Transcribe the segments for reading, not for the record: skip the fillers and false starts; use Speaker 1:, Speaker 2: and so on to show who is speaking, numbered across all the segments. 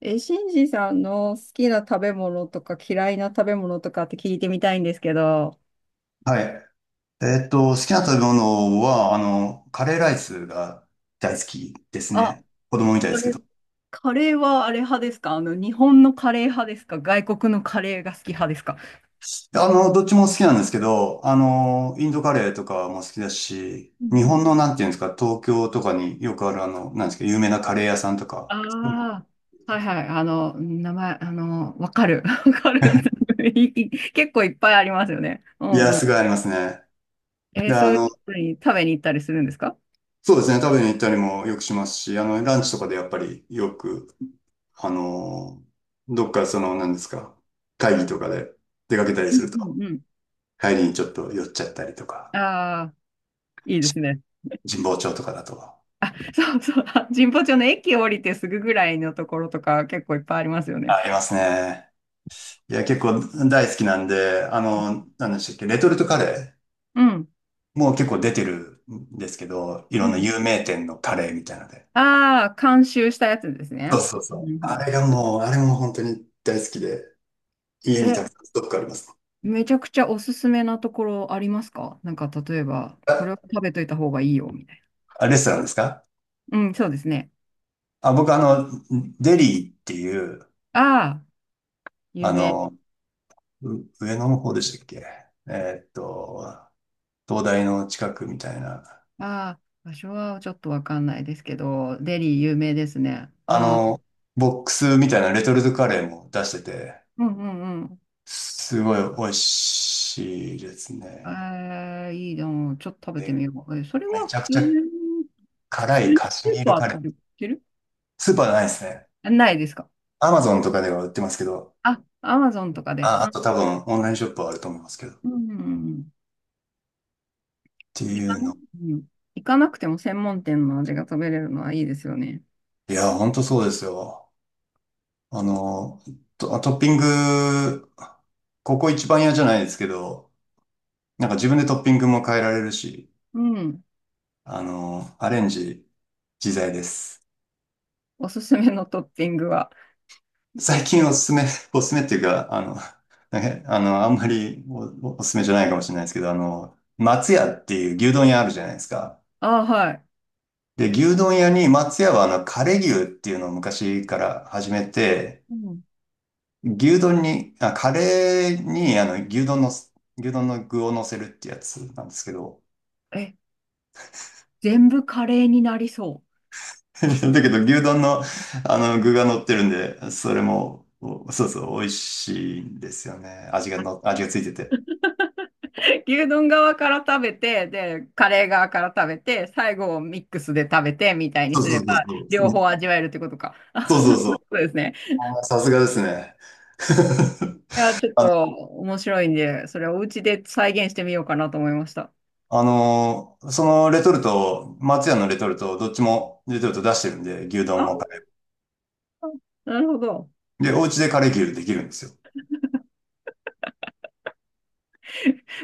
Speaker 1: え、シンジさんの好きな食べ物とか嫌いな食べ物とかって聞いてみたいんですけど。
Speaker 2: はい。好きな食べ物は、カレーライスが大好きです
Speaker 1: あ、
Speaker 2: ね。子供みたい
Speaker 1: そ
Speaker 2: ですけ
Speaker 1: れ
Speaker 2: ど。
Speaker 1: カレーはあれ派ですか？日本のカレー派ですか、外国のカレーが好き派ですか？
Speaker 2: どっちも好きなんですけど、インドカレーとかも好きだし、
Speaker 1: うん
Speaker 2: 日
Speaker 1: うん。
Speaker 2: 本の、なんていうんですか、東京とかによくある、なんですか、有名なカレー屋さんとか。うん。
Speaker 1: ああ、はいはい。名前、わかる。わかる。いい、結構いっぱいありますよね。う
Speaker 2: い
Speaker 1: ん
Speaker 2: や、
Speaker 1: うん。
Speaker 2: すごいありますね。で、
Speaker 1: そういうところに食べに行ったりするんですか？
Speaker 2: そうですね、食べに行ったりもよくしますし、ランチとかでやっぱりよく、あの、どっかその、なんですか、会議とかで出かけたり
Speaker 1: う
Speaker 2: す
Speaker 1: ん
Speaker 2: る
Speaker 1: う
Speaker 2: と、
Speaker 1: んうん。
Speaker 2: 帰りにちょっと酔っちゃったりと
Speaker 1: あ
Speaker 2: か、
Speaker 1: あ、いいですね。
Speaker 2: 神保町とかだと。
Speaker 1: あ、そうそう、あ、神保町の駅降りてすぐぐらいのところとか結構いっぱいありますよね。
Speaker 2: ありますね。いや、結構大好きなんで、何でしたっけ、レトルトカレ
Speaker 1: うん。
Speaker 2: ーもう結構出てるんですけど、い
Speaker 1: う
Speaker 2: ろんな
Speaker 1: ん。
Speaker 2: 有名店のカレーみたいなので。
Speaker 1: ああ、監修したやつです
Speaker 2: そ
Speaker 1: ね。
Speaker 2: うそうそ
Speaker 1: うんう
Speaker 2: う。
Speaker 1: んう
Speaker 2: あ
Speaker 1: ん。
Speaker 2: れがもう、あれも本当に大好きで、家に
Speaker 1: え、
Speaker 2: たくさんストックあります。
Speaker 1: めちゃくちゃおすすめなところありますか？なんか例えば、これを
Speaker 2: あ、
Speaker 1: 食べといた方がいいよ、みたい
Speaker 2: レストランですか？
Speaker 1: な。うん、そうですね。
Speaker 2: 僕、デリーっていう、
Speaker 1: ああ、有
Speaker 2: あ
Speaker 1: 名。
Speaker 2: の、う上野の方でしたっけ？えーっと、東大の近くみたいな。
Speaker 1: ああ、場所はちょっとわかんないですけど、デリー有名ですね。
Speaker 2: あ
Speaker 1: ああ、
Speaker 2: の、ボックスみたいなレトルトカレーも出してて、
Speaker 1: うんうん。
Speaker 2: すごい美味しいですね。
Speaker 1: えー、いいの、ちょっと食べて
Speaker 2: で、
Speaker 1: みよう。えそれ
Speaker 2: め
Speaker 1: は
Speaker 2: ち
Speaker 1: 普
Speaker 2: ゃ
Speaker 1: 通
Speaker 2: くちゃ
Speaker 1: に、普
Speaker 2: 辛
Speaker 1: 通
Speaker 2: い
Speaker 1: に
Speaker 2: カシ
Speaker 1: ス
Speaker 2: ミ
Speaker 1: ー
Speaker 2: ール
Speaker 1: パー
Speaker 2: カ
Speaker 1: と
Speaker 2: レ
Speaker 1: か
Speaker 2: ー。
Speaker 1: で売ってる？
Speaker 2: スーパーじゃないですね。
Speaker 1: あないですか？
Speaker 2: アマゾンとかでは売ってますけど、
Speaker 1: あ、アマゾンとかで。
Speaker 2: あ、あ
Speaker 1: あ、
Speaker 2: と多分オンラインショップはあると思いますけど、っ
Speaker 1: うん。
Speaker 2: て
Speaker 1: 行か
Speaker 2: いう
Speaker 1: な、
Speaker 2: の。
Speaker 1: うん、行かなくても専門店の味が食べれるのはいいですよね。
Speaker 2: いや、ほんとそうですよ。あの、トッピング、ここ一番嫌じゃないですけど、なんか自分でトッピングも変えられるし、
Speaker 1: うん。
Speaker 2: アレンジ自在です。
Speaker 1: おすすめのトッピングは。
Speaker 2: 最近おすすめ、おすすめっていうか、なんか、あんまりおすすめじゃないかもしれないですけど、松屋っていう牛丼屋あるじゃないですか。
Speaker 1: あ、はい。
Speaker 2: で、牛丼屋に松屋は、カレー牛っていうのを昔から始めて、
Speaker 1: うん、
Speaker 2: 牛丼に、あ、カレーに、牛丼の具を乗せるってやつなんですけど、
Speaker 1: え、全部カレーになりそう。
Speaker 2: だけど牛丼の、具が乗ってるんで、それも、おそうそう、美味しいんですよね。味がついてて。
Speaker 1: 牛丼側から食べて、で、カレー側から食べて、最後ミックスで食べてみたいに
Speaker 2: そう
Speaker 1: す
Speaker 2: そ
Speaker 1: れば、
Speaker 2: うそうそう。
Speaker 1: 両
Speaker 2: ね、
Speaker 1: 方味わえるってことか。
Speaker 2: そ
Speaker 1: あ、
Speaker 2: うそう、
Speaker 1: そうですね。
Speaker 2: あーさすがですね。
Speaker 1: いや、ちょっと面白いんで、それをお家で再現してみようかなと思いました。
Speaker 2: そのレトルト、松屋のレトルト、どっちもレトルト出してるんで、牛丼
Speaker 1: あ、
Speaker 2: もカレ
Speaker 1: なるほど。
Speaker 2: ー。で、お家でカレー牛できるんですよ。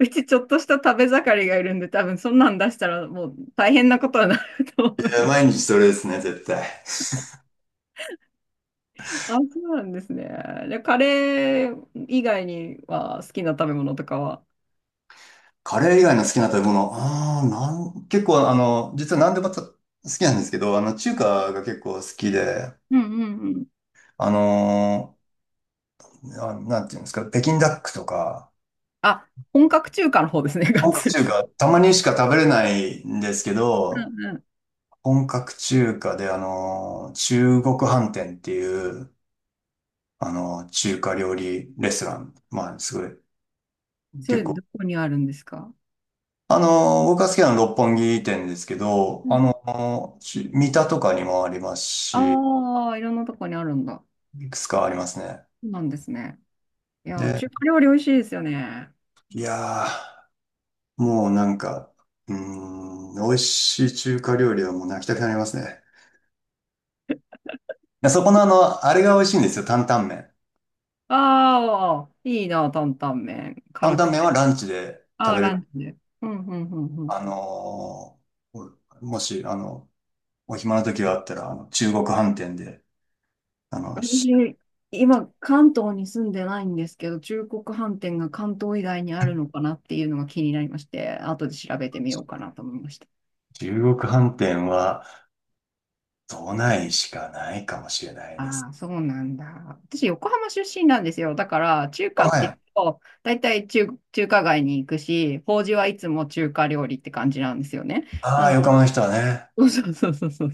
Speaker 1: うちちょっとした食べ盛りがいるんで、多分そんなん出したらもう大変なことになると
Speaker 2: い
Speaker 1: 思い
Speaker 2: や、
Speaker 1: ます。
Speaker 2: 毎日それですね、絶対。
Speaker 1: あ、そうなんですね。で、カレー以外には好きな食べ物とかは。
Speaker 2: カレー以外の好きな食べ物、あーなん、結構、実は何でも好きなんですけど、中華が結構好きで、
Speaker 1: うんうんうん。
Speaker 2: あのなんていうんですか、北京ダックとか、
Speaker 1: あ、本格中華の方ですね、がっ
Speaker 2: 本格
Speaker 1: つ。
Speaker 2: 中華、たまにしか食べれないんですけ
Speaker 1: う
Speaker 2: ど、
Speaker 1: んうん。
Speaker 2: 本格中華で、中国飯店っていう、中華料理レストラン。まあ、すごい、
Speaker 1: それ、
Speaker 2: 結
Speaker 1: ど
Speaker 2: 構。
Speaker 1: こにあるんですか？
Speaker 2: 僕が好きなのは六本木店ですけど、
Speaker 1: うん。
Speaker 2: 三田とかにもありますし、
Speaker 1: ああー、いろんなとこにあるんだ。
Speaker 2: いくつかありますね。
Speaker 1: そうなんですね。いや、中
Speaker 2: で、
Speaker 1: 華料理美味しいですよね。
Speaker 2: いやー、もうなんか、美味しい中華料理はもう泣きたくなりますね。いやそこの、あれが美味しいんですよ、担々麺。
Speaker 1: ああ、いいな、担々麺。
Speaker 2: 担
Speaker 1: 辛く
Speaker 2: 々麺は
Speaker 1: て。
Speaker 2: ランチで
Speaker 1: あ
Speaker 2: 食
Speaker 1: あ、
Speaker 2: べ
Speaker 1: ラ
Speaker 2: る。
Speaker 1: ンチで。うんうんうんうん。
Speaker 2: あのーもし、お暇な時があったら、中国飯店で、あの、し
Speaker 1: 私、今、関東に住んでないんですけど、中国飯店が関東以外にあるのかなっていうのが気になりまして、後で調べてみようかなと思いました。
Speaker 2: 中国飯店は都内しかないかもしれないで
Speaker 1: あ
Speaker 2: す。
Speaker 1: あ、そうなんだ。私、横浜出身なんですよ。だから、中
Speaker 2: あ、
Speaker 1: 華っ
Speaker 2: は
Speaker 1: ていう
Speaker 2: い。
Speaker 1: と、大体中、中華街に行くし、法事はいつも中華料理って感じなんですよね。
Speaker 2: あ
Speaker 1: な
Speaker 2: あ、
Speaker 1: ん、
Speaker 2: 横浜の人はね。
Speaker 1: そうそうそうそうそう。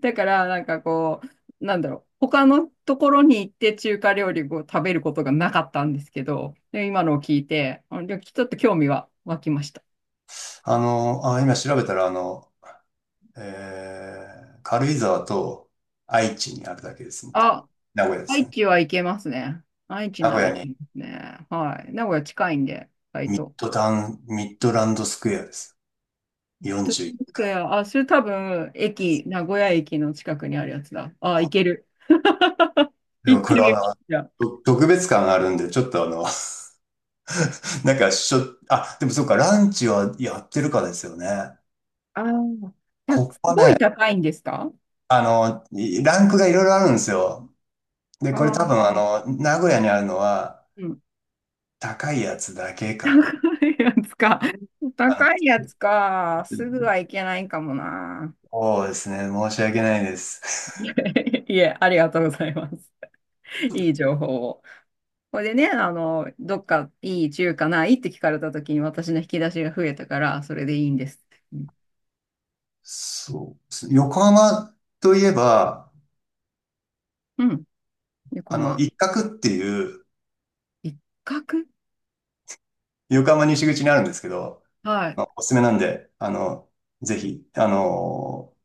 Speaker 1: だから、なんかこう、なんだろう、他のところに行って中華料理を食べることがなかったんですけど、で今のを聞いて、あ、でちょっと興味は湧きました。
Speaker 2: 今調べたら、軽井沢と愛知にあるだけですみたい。
Speaker 1: あ、
Speaker 2: 名古屋です
Speaker 1: 愛
Speaker 2: ね。
Speaker 1: 知は行けますね。愛知
Speaker 2: 名
Speaker 1: な
Speaker 2: 古
Speaker 1: ら
Speaker 2: 屋
Speaker 1: 行け
Speaker 2: に
Speaker 1: ますね。はい。名古屋近いんで、意外
Speaker 2: ミッ
Speaker 1: と。
Speaker 2: ドタウン、ミッドランドスクエアです。
Speaker 1: トゥル
Speaker 2: 41
Speaker 1: ンスクエ
Speaker 2: 階。
Speaker 1: ア、あ、それ多分、駅、名古屋駅の近くにあるやつだ。あ、行ける。
Speaker 2: で
Speaker 1: 行
Speaker 2: も
Speaker 1: って
Speaker 2: これ
Speaker 1: み
Speaker 2: は、
Speaker 1: る。じゃ
Speaker 2: 特別感があるんで、ちょっと、なんかしょ、あ、でもそうか、ランチはやってるかですよね。
Speaker 1: あ、あー、た
Speaker 2: こ
Speaker 1: す
Speaker 2: こ
Speaker 1: ごい
Speaker 2: ね、
Speaker 1: 高いんですか？
Speaker 2: ランクがいろいろあるんですよ。で、
Speaker 1: あ
Speaker 2: これ多分、
Speaker 1: あ、
Speaker 2: 名古屋にあるのは
Speaker 1: うん。
Speaker 2: 高いやつだけか
Speaker 1: 高いやつか。
Speaker 2: な。
Speaker 1: 高いやつか。すぐはいけないかもな。
Speaker 2: そうですね、申し訳ないです。
Speaker 1: いえ、ありがとうございます。いい情報を。これでね、どっかいい中華ないって聞かれた時に私の引き出しが増えたから、それでいいんです。うん。
Speaker 2: そう。横浜といえば、
Speaker 1: うん、横浜。
Speaker 2: 一角っていう、
Speaker 1: 一角。
Speaker 2: 横浜西口にあるんですけど、
Speaker 1: は
Speaker 2: ま
Speaker 1: い。
Speaker 2: あおすすめなんで、ぜひ、あの、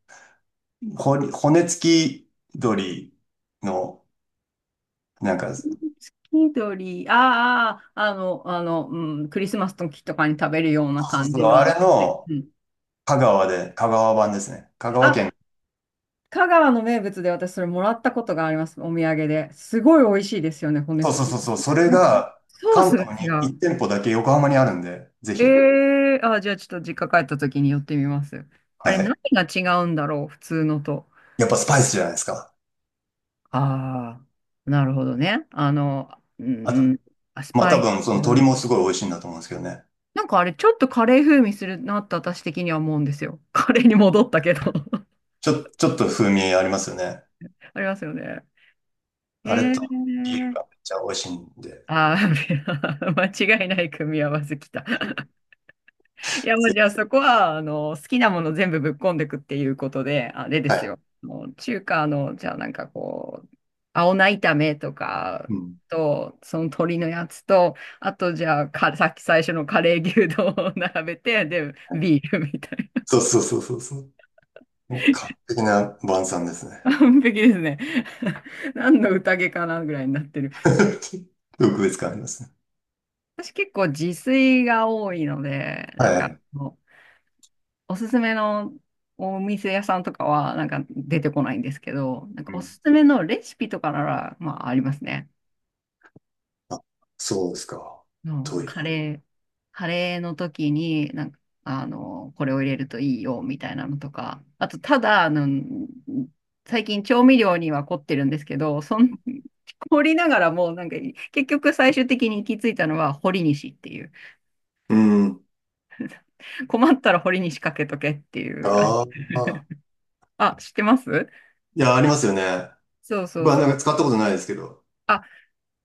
Speaker 2: ほ骨付き鳥の、なんか、そう
Speaker 1: 月鳥、あーあー、うん、クリスマスの時とかに食べるような
Speaker 2: そう
Speaker 1: 感
Speaker 2: そう、
Speaker 1: じの、あ
Speaker 2: あ
Speaker 1: の
Speaker 2: れ
Speaker 1: ね、
Speaker 2: の、
Speaker 1: うん。
Speaker 2: 香川で、香川版ですね。香川
Speaker 1: あ、
Speaker 2: 県。
Speaker 1: 香川の名物で私それもらったことがあります、お土産で。すごい美味しいですよね、骨
Speaker 2: そうそう
Speaker 1: 付
Speaker 2: そ
Speaker 1: き。
Speaker 2: うそう。それ
Speaker 1: な、
Speaker 2: が
Speaker 1: ソー
Speaker 2: 関
Speaker 1: スが
Speaker 2: 東
Speaker 1: 違
Speaker 2: に
Speaker 1: う。
Speaker 2: 1店舗だけ横浜にあるんで、ぜ
Speaker 1: え
Speaker 2: ひ。
Speaker 1: ー、あ、じゃあちょっと実家帰った時に寄ってみます。あれ、
Speaker 2: は
Speaker 1: 何
Speaker 2: い。
Speaker 1: が違うんだろう、普通のと。
Speaker 2: やっぱスパイスじゃないですか。
Speaker 1: ああ、なるほどね。う
Speaker 2: あ
Speaker 1: ん、う
Speaker 2: と、
Speaker 1: ん、ス
Speaker 2: まあ
Speaker 1: パ
Speaker 2: 多
Speaker 1: イ
Speaker 2: 分その鶏
Speaker 1: ス。
Speaker 2: もすごい美味しいんだと思うんですけどね。
Speaker 1: なんかあれ、ちょっとカレー風味するなって私的には思うんですよ。カレーに戻ったけど
Speaker 2: ちょっと風味ありますよね。
Speaker 1: ありますよね。え
Speaker 2: あれとビール
Speaker 1: ー。
Speaker 2: がめっちゃ美味しいんで。
Speaker 1: あー 間違いない組み合わせきた。いや、もう
Speaker 2: ぜ
Speaker 1: じ
Speaker 2: ひ。
Speaker 1: ゃあそこは、好きなもの全部ぶっこんでくっていうことで、あれで
Speaker 2: は
Speaker 1: す
Speaker 2: い。
Speaker 1: よ。もう中華の、じゃあなんかこう、青菜炒めとか
Speaker 2: うん。
Speaker 1: と、その鶏のやつと、あとじゃあか、さっき最初のカレー牛丼を 並べて、で、ビールみたいな。
Speaker 2: そうそうそうそうそう。もう完璧な晩餐ですね。
Speaker 1: 完璧ですね。何の宴かなぐらいになってる。
Speaker 2: 特別感ありますね。
Speaker 1: 私結構自炊が多いので、なん
Speaker 2: は
Speaker 1: か
Speaker 2: い。
Speaker 1: もうおすすめのお店屋さんとかはなんか出てこないんですけど、なん
Speaker 2: う
Speaker 1: かお
Speaker 2: ん。
Speaker 1: すすめのレシピとかなら、まあありますね。
Speaker 2: あ、そうですか、
Speaker 1: の
Speaker 2: とい
Speaker 1: カ
Speaker 2: う。
Speaker 1: レー、カレーの時に、なんか、これを入れるといいよ、みたいなのとか。あと、ただ、最近調味料には凝ってるんですけど、そん、凝りながらも、なんか、結局最終的に行き着いたのは、堀西っていう。
Speaker 2: うん。
Speaker 1: 困ったら堀西かけとけっていう感じ。
Speaker 2: ああ。
Speaker 1: あ、知ってます？
Speaker 2: いや、ありますよね。
Speaker 1: そうそ
Speaker 2: 僕
Speaker 1: う
Speaker 2: はな
Speaker 1: そ
Speaker 2: んか
Speaker 1: う。
Speaker 2: 使ったことないですけど。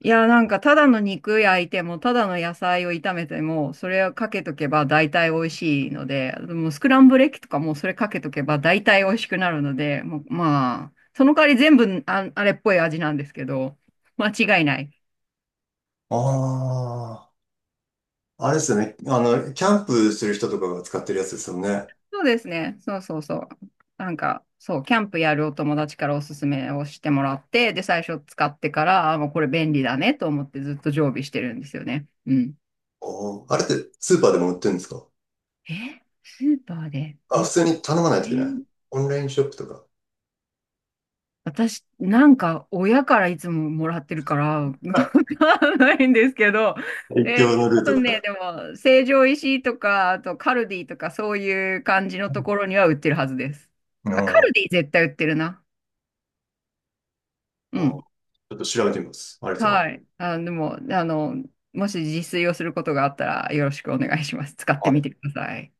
Speaker 1: いや、なんか、ただの肉焼いても、ただの野菜を炒めても、それをかけとけば大体美味しいので、もうスクランブルエッグとかもそれかけとけば大体美味しくなるので、もう、まあ、その代わり全部あ、あれっぽい味なんですけど、間違いない。
Speaker 2: ああ、あれですよね。キャンプしてる人とかが使ってるやつですよね。
Speaker 1: そうですね。そうそうそう。なんか、そう、キャンプやるお友達からおすすめをしてもらって、で、最初使ってから、あ、もうこれ便利だねと思ってずっと常備してるんですよね。うん。
Speaker 2: お、ーあれってスーパーでも売ってるんですか？
Speaker 1: え、スーパーで
Speaker 2: あ、
Speaker 1: 売っ
Speaker 2: 普
Speaker 1: て？
Speaker 2: 通に頼まないといけない。オンラインショップとか。
Speaker 1: 私、なんか、親からいつももらってるから、わかんないんですけど、え
Speaker 2: 一
Speaker 1: ー、
Speaker 2: 応のル
Speaker 1: 多
Speaker 2: ート
Speaker 1: 分ね、
Speaker 2: だ。
Speaker 1: でも、成城石井とか、あとカルディとか、そういう感じのところには売ってるはずです。
Speaker 2: あ
Speaker 1: あ、カ
Speaker 2: ー、
Speaker 1: ルディ絶対売ってるな。う
Speaker 2: おー
Speaker 1: ん。
Speaker 2: ちょっと調べてみます。ありがとうござい
Speaker 1: は
Speaker 2: ます。
Speaker 1: い。あ、でも、もし自炊をすることがあったら、よろしくお願いします。使ってみてください。